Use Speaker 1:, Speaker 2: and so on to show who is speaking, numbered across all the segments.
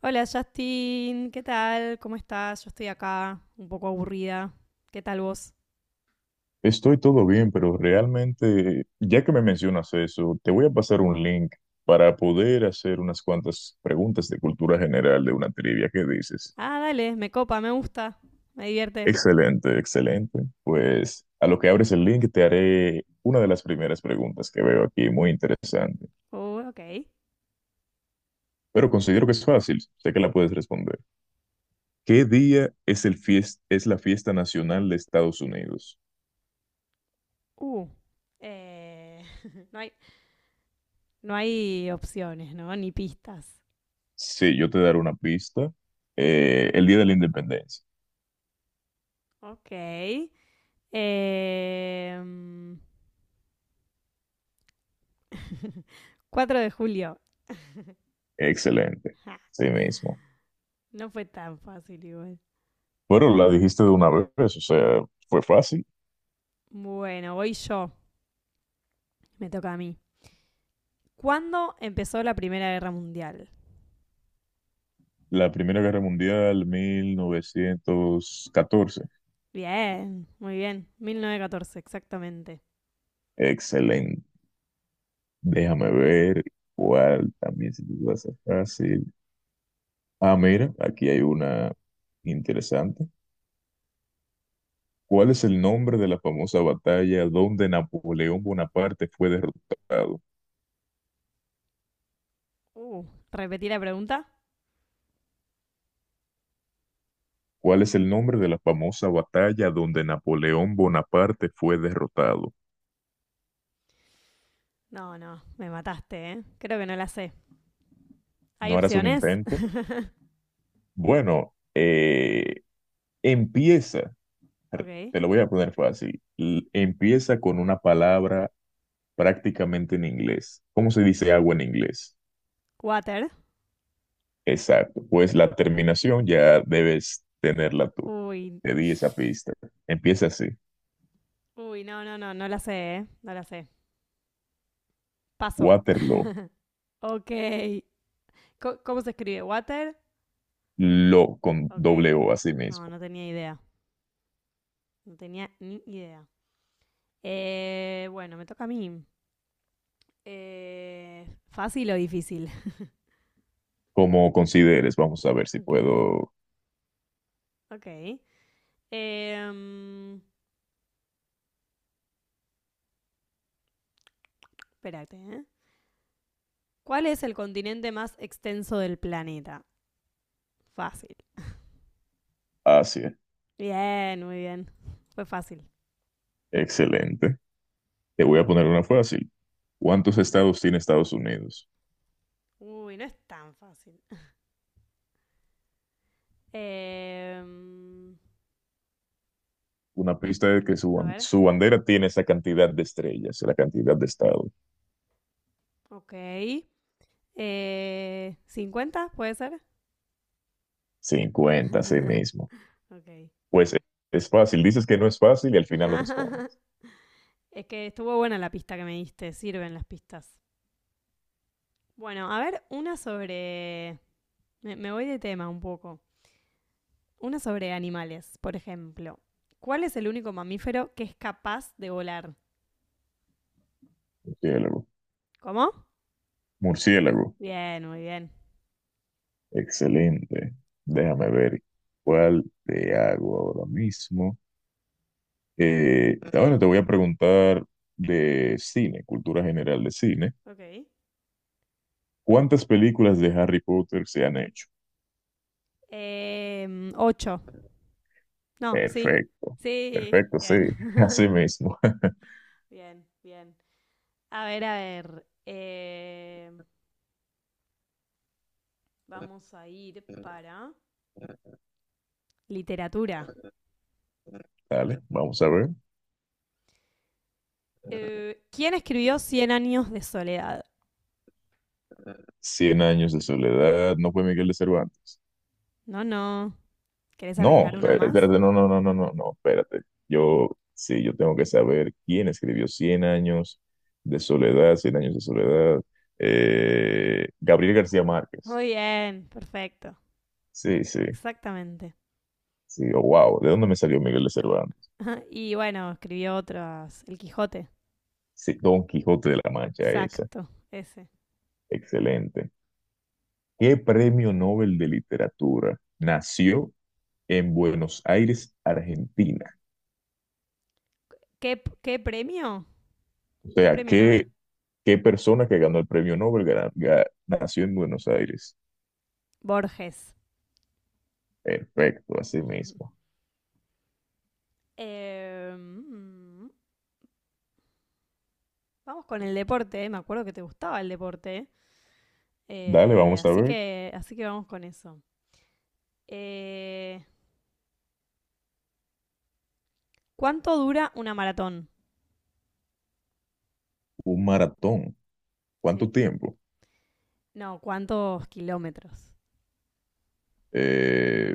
Speaker 1: Hola Justin, ¿qué tal? ¿Cómo estás? Yo estoy acá, un poco aburrida. ¿Qué tal vos?
Speaker 2: Estoy todo bien, pero realmente, ya que me mencionas eso, te voy a pasar un link para poder hacer unas cuantas preguntas de cultura general de una trivia. ¿Qué dices?
Speaker 1: Ah, dale, me copa, me gusta, me divierte.
Speaker 2: Excelente, excelente. Pues a lo que abres el link te haré una de las primeras preguntas que veo aquí, muy interesante.
Speaker 1: Ok.
Speaker 2: Pero considero que es fácil, sé que la puedes responder. ¿Qué día es es la fiesta nacional de Estados Unidos?
Speaker 1: Uh. eh, no, no hay opciones, ¿no? Ni pistas.
Speaker 2: Sí, yo te daré una pista. El Día de la Independencia.
Speaker 1: Ok. Em, 4 de julio.
Speaker 2: Excelente,
Speaker 1: Ja,
Speaker 2: sí mismo.
Speaker 1: no fue tan fácil igual.
Speaker 2: Bueno, la dijiste de una vez, o sea, fue fácil.
Speaker 1: Bueno, voy yo. Me toca a mí. ¿Cuándo empezó la Primera Guerra Mundial?
Speaker 2: La Primera Guerra Mundial, 1914.
Speaker 1: Bien, muy bien. 1914, exactamente.
Speaker 2: Excelente. Déjame ver cuál también se te va a hacer fácil. Ah, mira, aquí hay una interesante. ¿Cuál es el nombre de la famosa batalla donde Napoleón Bonaparte fue derrotado?
Speaker 1: Uh, ¿Repetí la pregunta?
Speaker 2: ¿Cuál es el nombre de la famosa batalla donde Napoleón Bonaparte fue derrotado?
Speaker 1: No, no, me mataste, ¿eh? Creo que no la sé. ¿Hay
Speaker 2: ¿No harás un
Speaker 1: opciones?
Speaker 2: intento? Bueno, empieza,
Speaker 1: Ok.
Speaker 2: te lo voy a poner fácil, empieza con una palabra prácticamente en inglés. ¿Cómo se dice agua en inglés?
Speaker 1: Water.
Speaker 2: Exacto, pues la terminación ya debes tenerla tú.
Speaker 1: Uy,
Speaker 2: Te di esa pista. Empieza así,
Speaker 1: uy, no, no, no, no la sé, ¿eh? No la sé. Paso.
Speaker 2: Waterloo,
Speaker 1: Ok. ¿Cómo se escribe? ¿Water?
Speaker 2: lo con
Speaker 1: Ok.
Speaker 2: doble O así
Speaker 1: No,
Speaker 2: mismo.
Speaker 1: no tenía idea. No tenía ni idea. Bueno, me toca a mí. ¿Fácil o difícil?
Speaker 2: Como consideres, vamos a ver si
Speaker 1: Ok,
Speaker 2: puedo.
Speaker 1: ok. Em, espérate, ¿eh? ¿Cuál es el continente más extenso del planeta? Fácil.
Speaker 2: Asia,
Speaker 1: Bien, muy bien. Fue fácil.
Speaker 2: excelente. Te voy a poner una fácil. ¿Cuántos
Speaker 1: Bueno.
Speaker 2: estados tiene Estados Unidos?
Speaker 1: Uy, no es tan fácil. Eh,
Speaker 2: Una pista de que
Speaker 1: a ver,
Speaker 2: su bandera tiene esa cantidad de estrellas, la cantidad de estados.
Speaker 1: ok. ¿50 puede ser?
Speaker 2: 50 así mismo.
Speaker 1: Ok,
Speaker 2: Pues e-
Speaker 1: bien.
Speaker 2: es fácil, dices que no es fácil y al final lo respondes.
Speaker 1: Es que estuvo buena la pista que me diste, sirven las pistas. Bueno, a ver, una sobre… Me voy de tema un poco. Una sobre animales, por ejemplo. ¿Cuál es el único mamífero que es capaz de volar?
Speaker 2: Murciélago.
Speaker 1: ¿Cómo?
Speaker 2: Murciélago.
Speaker 1: Bien, muy bien.
Speaker 2: Excelente. Déjame ver cuál te hago ahora mismo. Ahora te voy a preguntar de cine, cultura general de cine.
Speaker 1: Ok.
Speaker 2: ¿Cuántas películas de Harry Potter se han hecho?
Speaker 1: Ocho. No, sí.
Speaker 2: Perfecto.
Speaker 1: Sí,
Speaker 2: Perfecto, sí.
Speaker 1: bien.
Speaker 2: Así mismo.
Speaker 1: Bien, bien. A ver, a ver. Vamos a ir para literatura.
Speaker 2: Dale, vamos a ver.
Speaker 1: ¿Quién escribió Cien años de soledad?
Speaker 2: Cien años de soledad, no fue Miguel de Cervantes.
Speaker 1: No, no. ¿Querés
Speaker 2: No,
Speaker 1: arriesgar una
Speaker 2: espérate,
Speaker 1: más?
Speaker 2: espérate, no, no, no, no, no, no, espérate. Yo, sí, yo tengo que saber quién escribió Cien años de soledad, Cien años de soledad. Gabriel García Márquez.
Speaker 1: Muy bien, perfecto.
Speaker 2: Sí, sí,
Speaker 1: Exactamente.
Speaker 2: sí, oh, wow, ¿de dónde me salió Miguel de
Speaker 1: No.
Speaker 2: Cervantes?
Speaker 1: Y bueno, escribió otras. El Quijote.
Speaker 2: Sí, Don Quijote de la Mancha, esa.
Speaker 1: Exacto, ese.
Speaker 2: Excelente. ¿Qué premio Nobel de literatura nació en Buenos Aires, Argentina?
Speaker 1: ¿Qué premio?
Speaker 2: O
Speaker 1: ¿Qué
Speaker 2: sea,
Speaker 1: premio Nobel?
Speaker 2: ¿Qué persona que ganó el premio Nobel nació en Buenos Aires?
Speaker 1: Borges.
Speaker 2: Perfecto, así mismo.
Speaker 1: Eh, mm, vamos con el deporte. Me acuerdo que te gustaba el deporte.
Speaker 2: Dale, vamos a
Speaker 1: Así
Speaker 2: ver.
Speaker 1: que, así que vamos con eso. Eh, ¿Cuánto dura una maratón?
Speaker 2: Un maratón. ¿Cuánto
Speaker 1: Sí.
Speaker 2: tiempo?
Speaker 1: No, ¿cuántos kilómetros?
Speaker 2: Eh,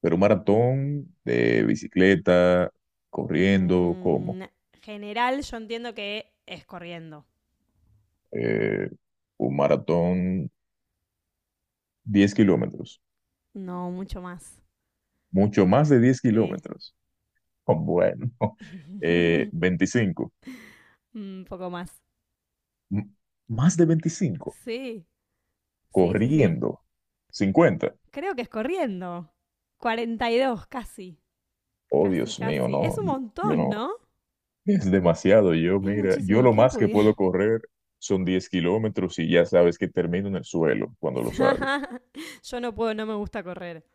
Speaker 2: pero un maratón de bicicleta, corriendo, ¿cómo?
Speaker 1: Mm, general, yo entiendo que es corriendo.
Speaker 2: Eh, un maratón 10 kilómetros.
Speaker 1: No, mucho más.
Speaker 2: Mucho más de 10
Speaker 1: Sí.
Speaker 2: kilómetros. Oh, bueno. 25.
Speaker 1: Un poco más.
Speaker 2: M- Más de 25.
Speaker 1: Sí, sí, sí, sí.
Speaker 2: Corriendo. 50.
Speaker 1: Creo que es corriendo. 42 casi.
Speaker 2: Oh,
Speaker 1: Casi,
Speaker 2: Dios mío,
Speaker 1: casi.
Speaker 2: no.
Speaker 1: Es un
Speaker 2: Yo
Speaker 1: montón,
Speaker 2: no.
Speaker 1: ¿no?
Speaker 2: Es demasiado. Yo,
Speaker 1: Es
Speaker 2: mira, yo
Speaker 1: muchísimo.
Speaker 2: lo
Speaker 1: ¿Quién
Speaker 2: más que
Speaker 1: pudiera?
Speaker 2: puedo correr son 10 kilómetros y ya sabes que termino en el suelo cuando los hago.
Speaker 1: Yo no puedo, no me gusta correr.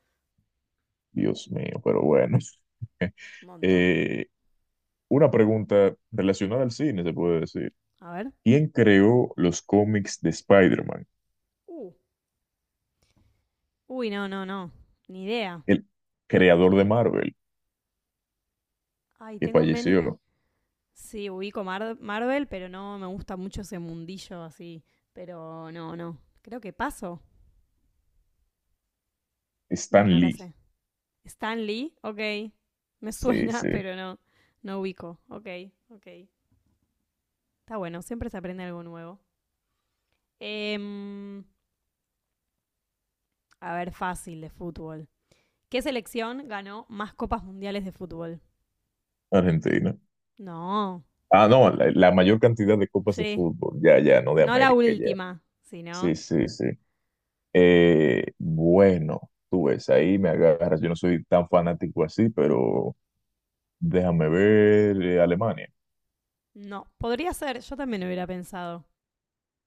Speaker 2: Dios mío, pero bueno.
Speaker 1: Un montón.
Speaker 2: Eh, una pregunta relacionada al cine, se puede decir.
Speaker 1: A ver.
Speaker 2: ¿Quién creó los cómics de Spider-Man?
Speaker 1: Uh. Uy, no, no, no. Ni idea.
Speaker 2: El creador de Marvel,
Speaker 1: Ay,
Speaker 2: que
Speaker 1: tengo menos.
Speaker 2: falleció,
Speaker 1: Sí, ubico Marvel, pero no me gusta mucho ese mundillo así. Pero no, no. Creo que paso. No,
Speaker 2: Stan
Speaker 1: no la
Speaker 2: Lee.
Speaker 1: sé. Stan Lee, ok. Me
Speaker 2: Sí, sí,
Speaker 1: suena, pero no. No ubico. Ok, ok. Está bueno, siempre se aprende algo nuevo. Em, a ver, fácil de fútbol. ¿Qué selección ganó más copas mundiales de fútbol?
Speaker 2: Argentina.
Speaker 1: No,
Speaker 2: Ah, no, la mayor cantidad de copas de
Speaker 1: sí.
Speaker 2: fútbol, ya, ya, no de
Speaker 1: No la
Speaker 2: América, ya.
Speaker 1: última, sino…
Speaker 2: Sí, sí, sí. Bueno, tú ves, ahí me agarras. Yo no soy tan fanático así, pero déjame ver. Alemania.
Speaker 1: No, podría ser, yo también hubiera pensado.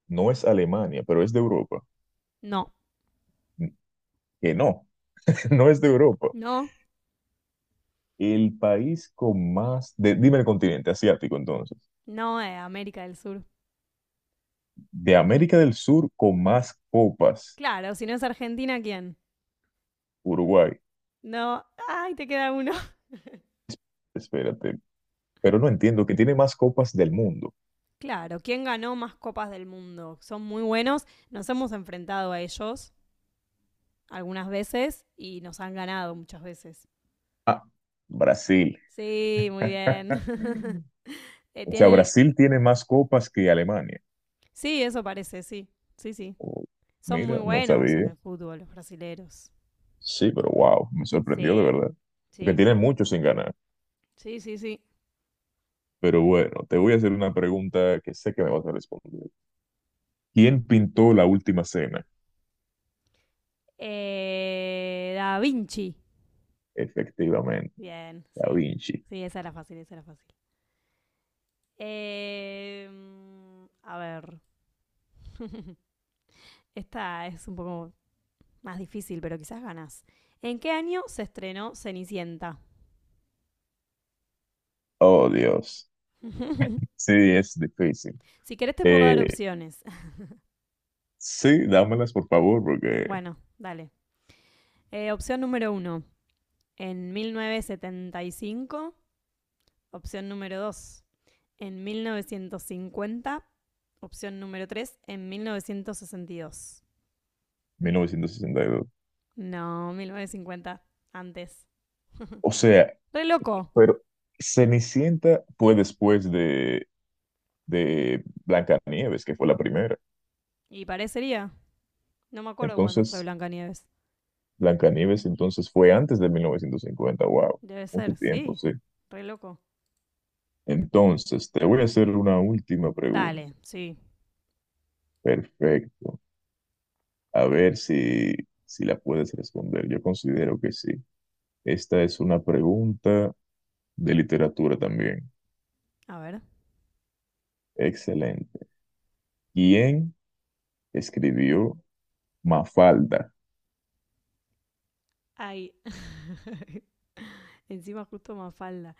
Speaker 2: No es Alemania, pero es de Europa.
Speaker 1: No,
Speaker 2: N- Que no, no es de Europa.
Speaker 1: no,
Speaker 2: El país con más, dime el continente asiático entonces.
Speaker 1: no es América del Sur.
Speaker 2: De América del Sur con más copas,
Speaker 1: Claro, si no es Argentina, ¿quién?
Speaker 2: Uruguay.
Speaker 1: No, ay, te queda uno.
Speaker 2: Espérate, pero no entiendo que tiene más copas del mundo.
Speaker 1: Claro, ¿quién ganó más copas del mundo? Son muy buenos, nos hemos enfrentado a ellos algunas veces y nos han ganado muchas veces.
Speaker 2: Ah, Brasil.
Speaker 1: Sí, muy bien.
Speaker 2: O sea,
Speaker 1: Tienen…
Speaker 2: Brasil tiene más copas que Alemania.
Speaker 1: Sí, eso parece, sí. Sí, sí.
Speaker 2: Oh,
Speaker 1: Son muy
Speaker 2: mira, no
Speaker 1: buenos en
Speaker 2: sabía.
Speaker 1: el fútbol los brasileros.
Speaker 2: Sí, pero wow, me sorprendió de
Speaker 1: Sí,
Speaker 2: verdad. Porque
Speaker 1: sí,
Speaker 2: tiene mucho sin ganar.
Speaker 1: sí, sí, sí.
Speaker 2: Pero bueno, te voy a hacer una pregunta que sé que me vas a responder. ¿Quién pintó la última cena?
Speaker 1: Da Vinci.
Speaker 2: Efectivamente,
Speaker 1: Bien,
Speaker 2: Da
Speaker 1: sí.
Speaker 2: Vinci.
Speaker 1: Sí, esa era fácil, esa era fácil. Eh, a ver. Esta es un poco más difícil, pero quizás ganas. ¿En qué año se estrenó Cenicienta?
Speaker 2: Oh, Dios. Sí, es difícil.
Speaker 1: Si querés te puedo dar
Speaker 2: Eh,
Speaker 1: opciones.
Speaker 2: sí, dámelas por favor, porque
Speaker 1: Bueno, dale. Opción número uno, en 1975. Opción número 2 en 1950. Opción número 3 en 1962.
Speaker 2: 1962.
Speaker 1: No, 1950 antes.
Speaker 2: O sea,
Speaker 1: Re loco.
Speaker 2: pero Cenicienta fue después de Blancanieves, que fue la primera.
Speaker 1: Y parecería. No me acuerdo cuándo fue
Speaker 2: Entonces,
Speaker 1: Blancanieves.
Speaker 2: Blancanieves entonces fue antes de 1950. Wow,
Speaker 1: Debe
Speaker 2: mucho
Speaker 1: ser,
Speaker 2: tiempo,
Speaker 1: sí.
Speaker 2: sí.
Speaker 1: Re loco.
Speaker 2: Entonces, te voy a hacer una última pregunta.
Speaker 1: Dale, sí.
Speaker 2: Perfecto. A ver si la puedes responder. Yo considero que sí. Esta es una pregunta de literatura también.
Speaker 1: A ver.
Speaker 2: Excelente. ¿Quién escribió Mafalda?
Speaker 1: Ay. Encima justo Mafalda.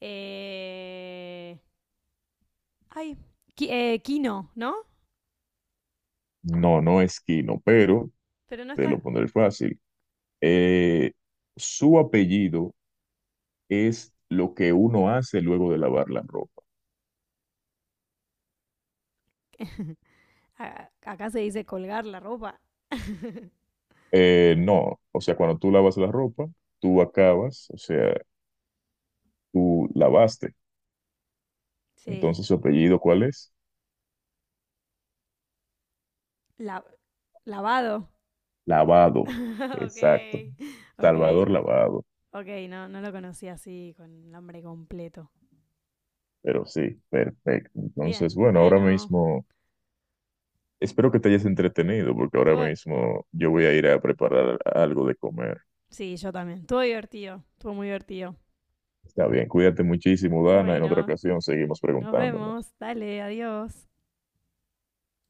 Speaker 1: Eh… Ay, Kino, ¿no?
Speaker 2: No, no es Quino, pero
Speaker 1: Pero no
Speaker 2: te
Speaker 1: está…
Speaker 2: lo pondré fácil. Eh, Su apellido es lo que uno hace luego de lavar la ropa.
Speaker 1: Acá se dice colgar la ropa.
Speaker 2: No, o sea, cuando tú lavas la ropa, tú acabas, o sea, tú lavaste.
Speaker 1: Sí.
Speaker 2: Entonces, su apellido, ¿cuál es?
Speaker 1: La- lavado.
Speaker 2: Lavado. Exacto.
Speaker 1: Ok,
Speaker 2: Salvador
Speaker 1: ok, ok,
Speaker 2: Lavado.
Speaker 1: ok, no, no lo conocía así con nombre completo.
Speaker 2: Pero sí, perfecto. Entonces,
Speaker 1: Bien,
Speaker 2: bueno, ahora
Speaker 1: bueno,
Speaker 2: mismo, espero que te hayas entretenido, porque ahora
Speaker 1: estuvo-
Speaker 2: mismo yo voy a ir a preparar algo de comer.
Speaker 1: sí, yo también, estuvo divertido, estuvo muy divertido.
Speaker 2: Está bien, cuídate muchísimo, Dana. En otra
Speaker 1: Bueno,
Speaker 2: ocasión seguimos
Speaker 1: nos
Speaker 2: preguntándonos.
Speaker 1: vemos, dale, adiós.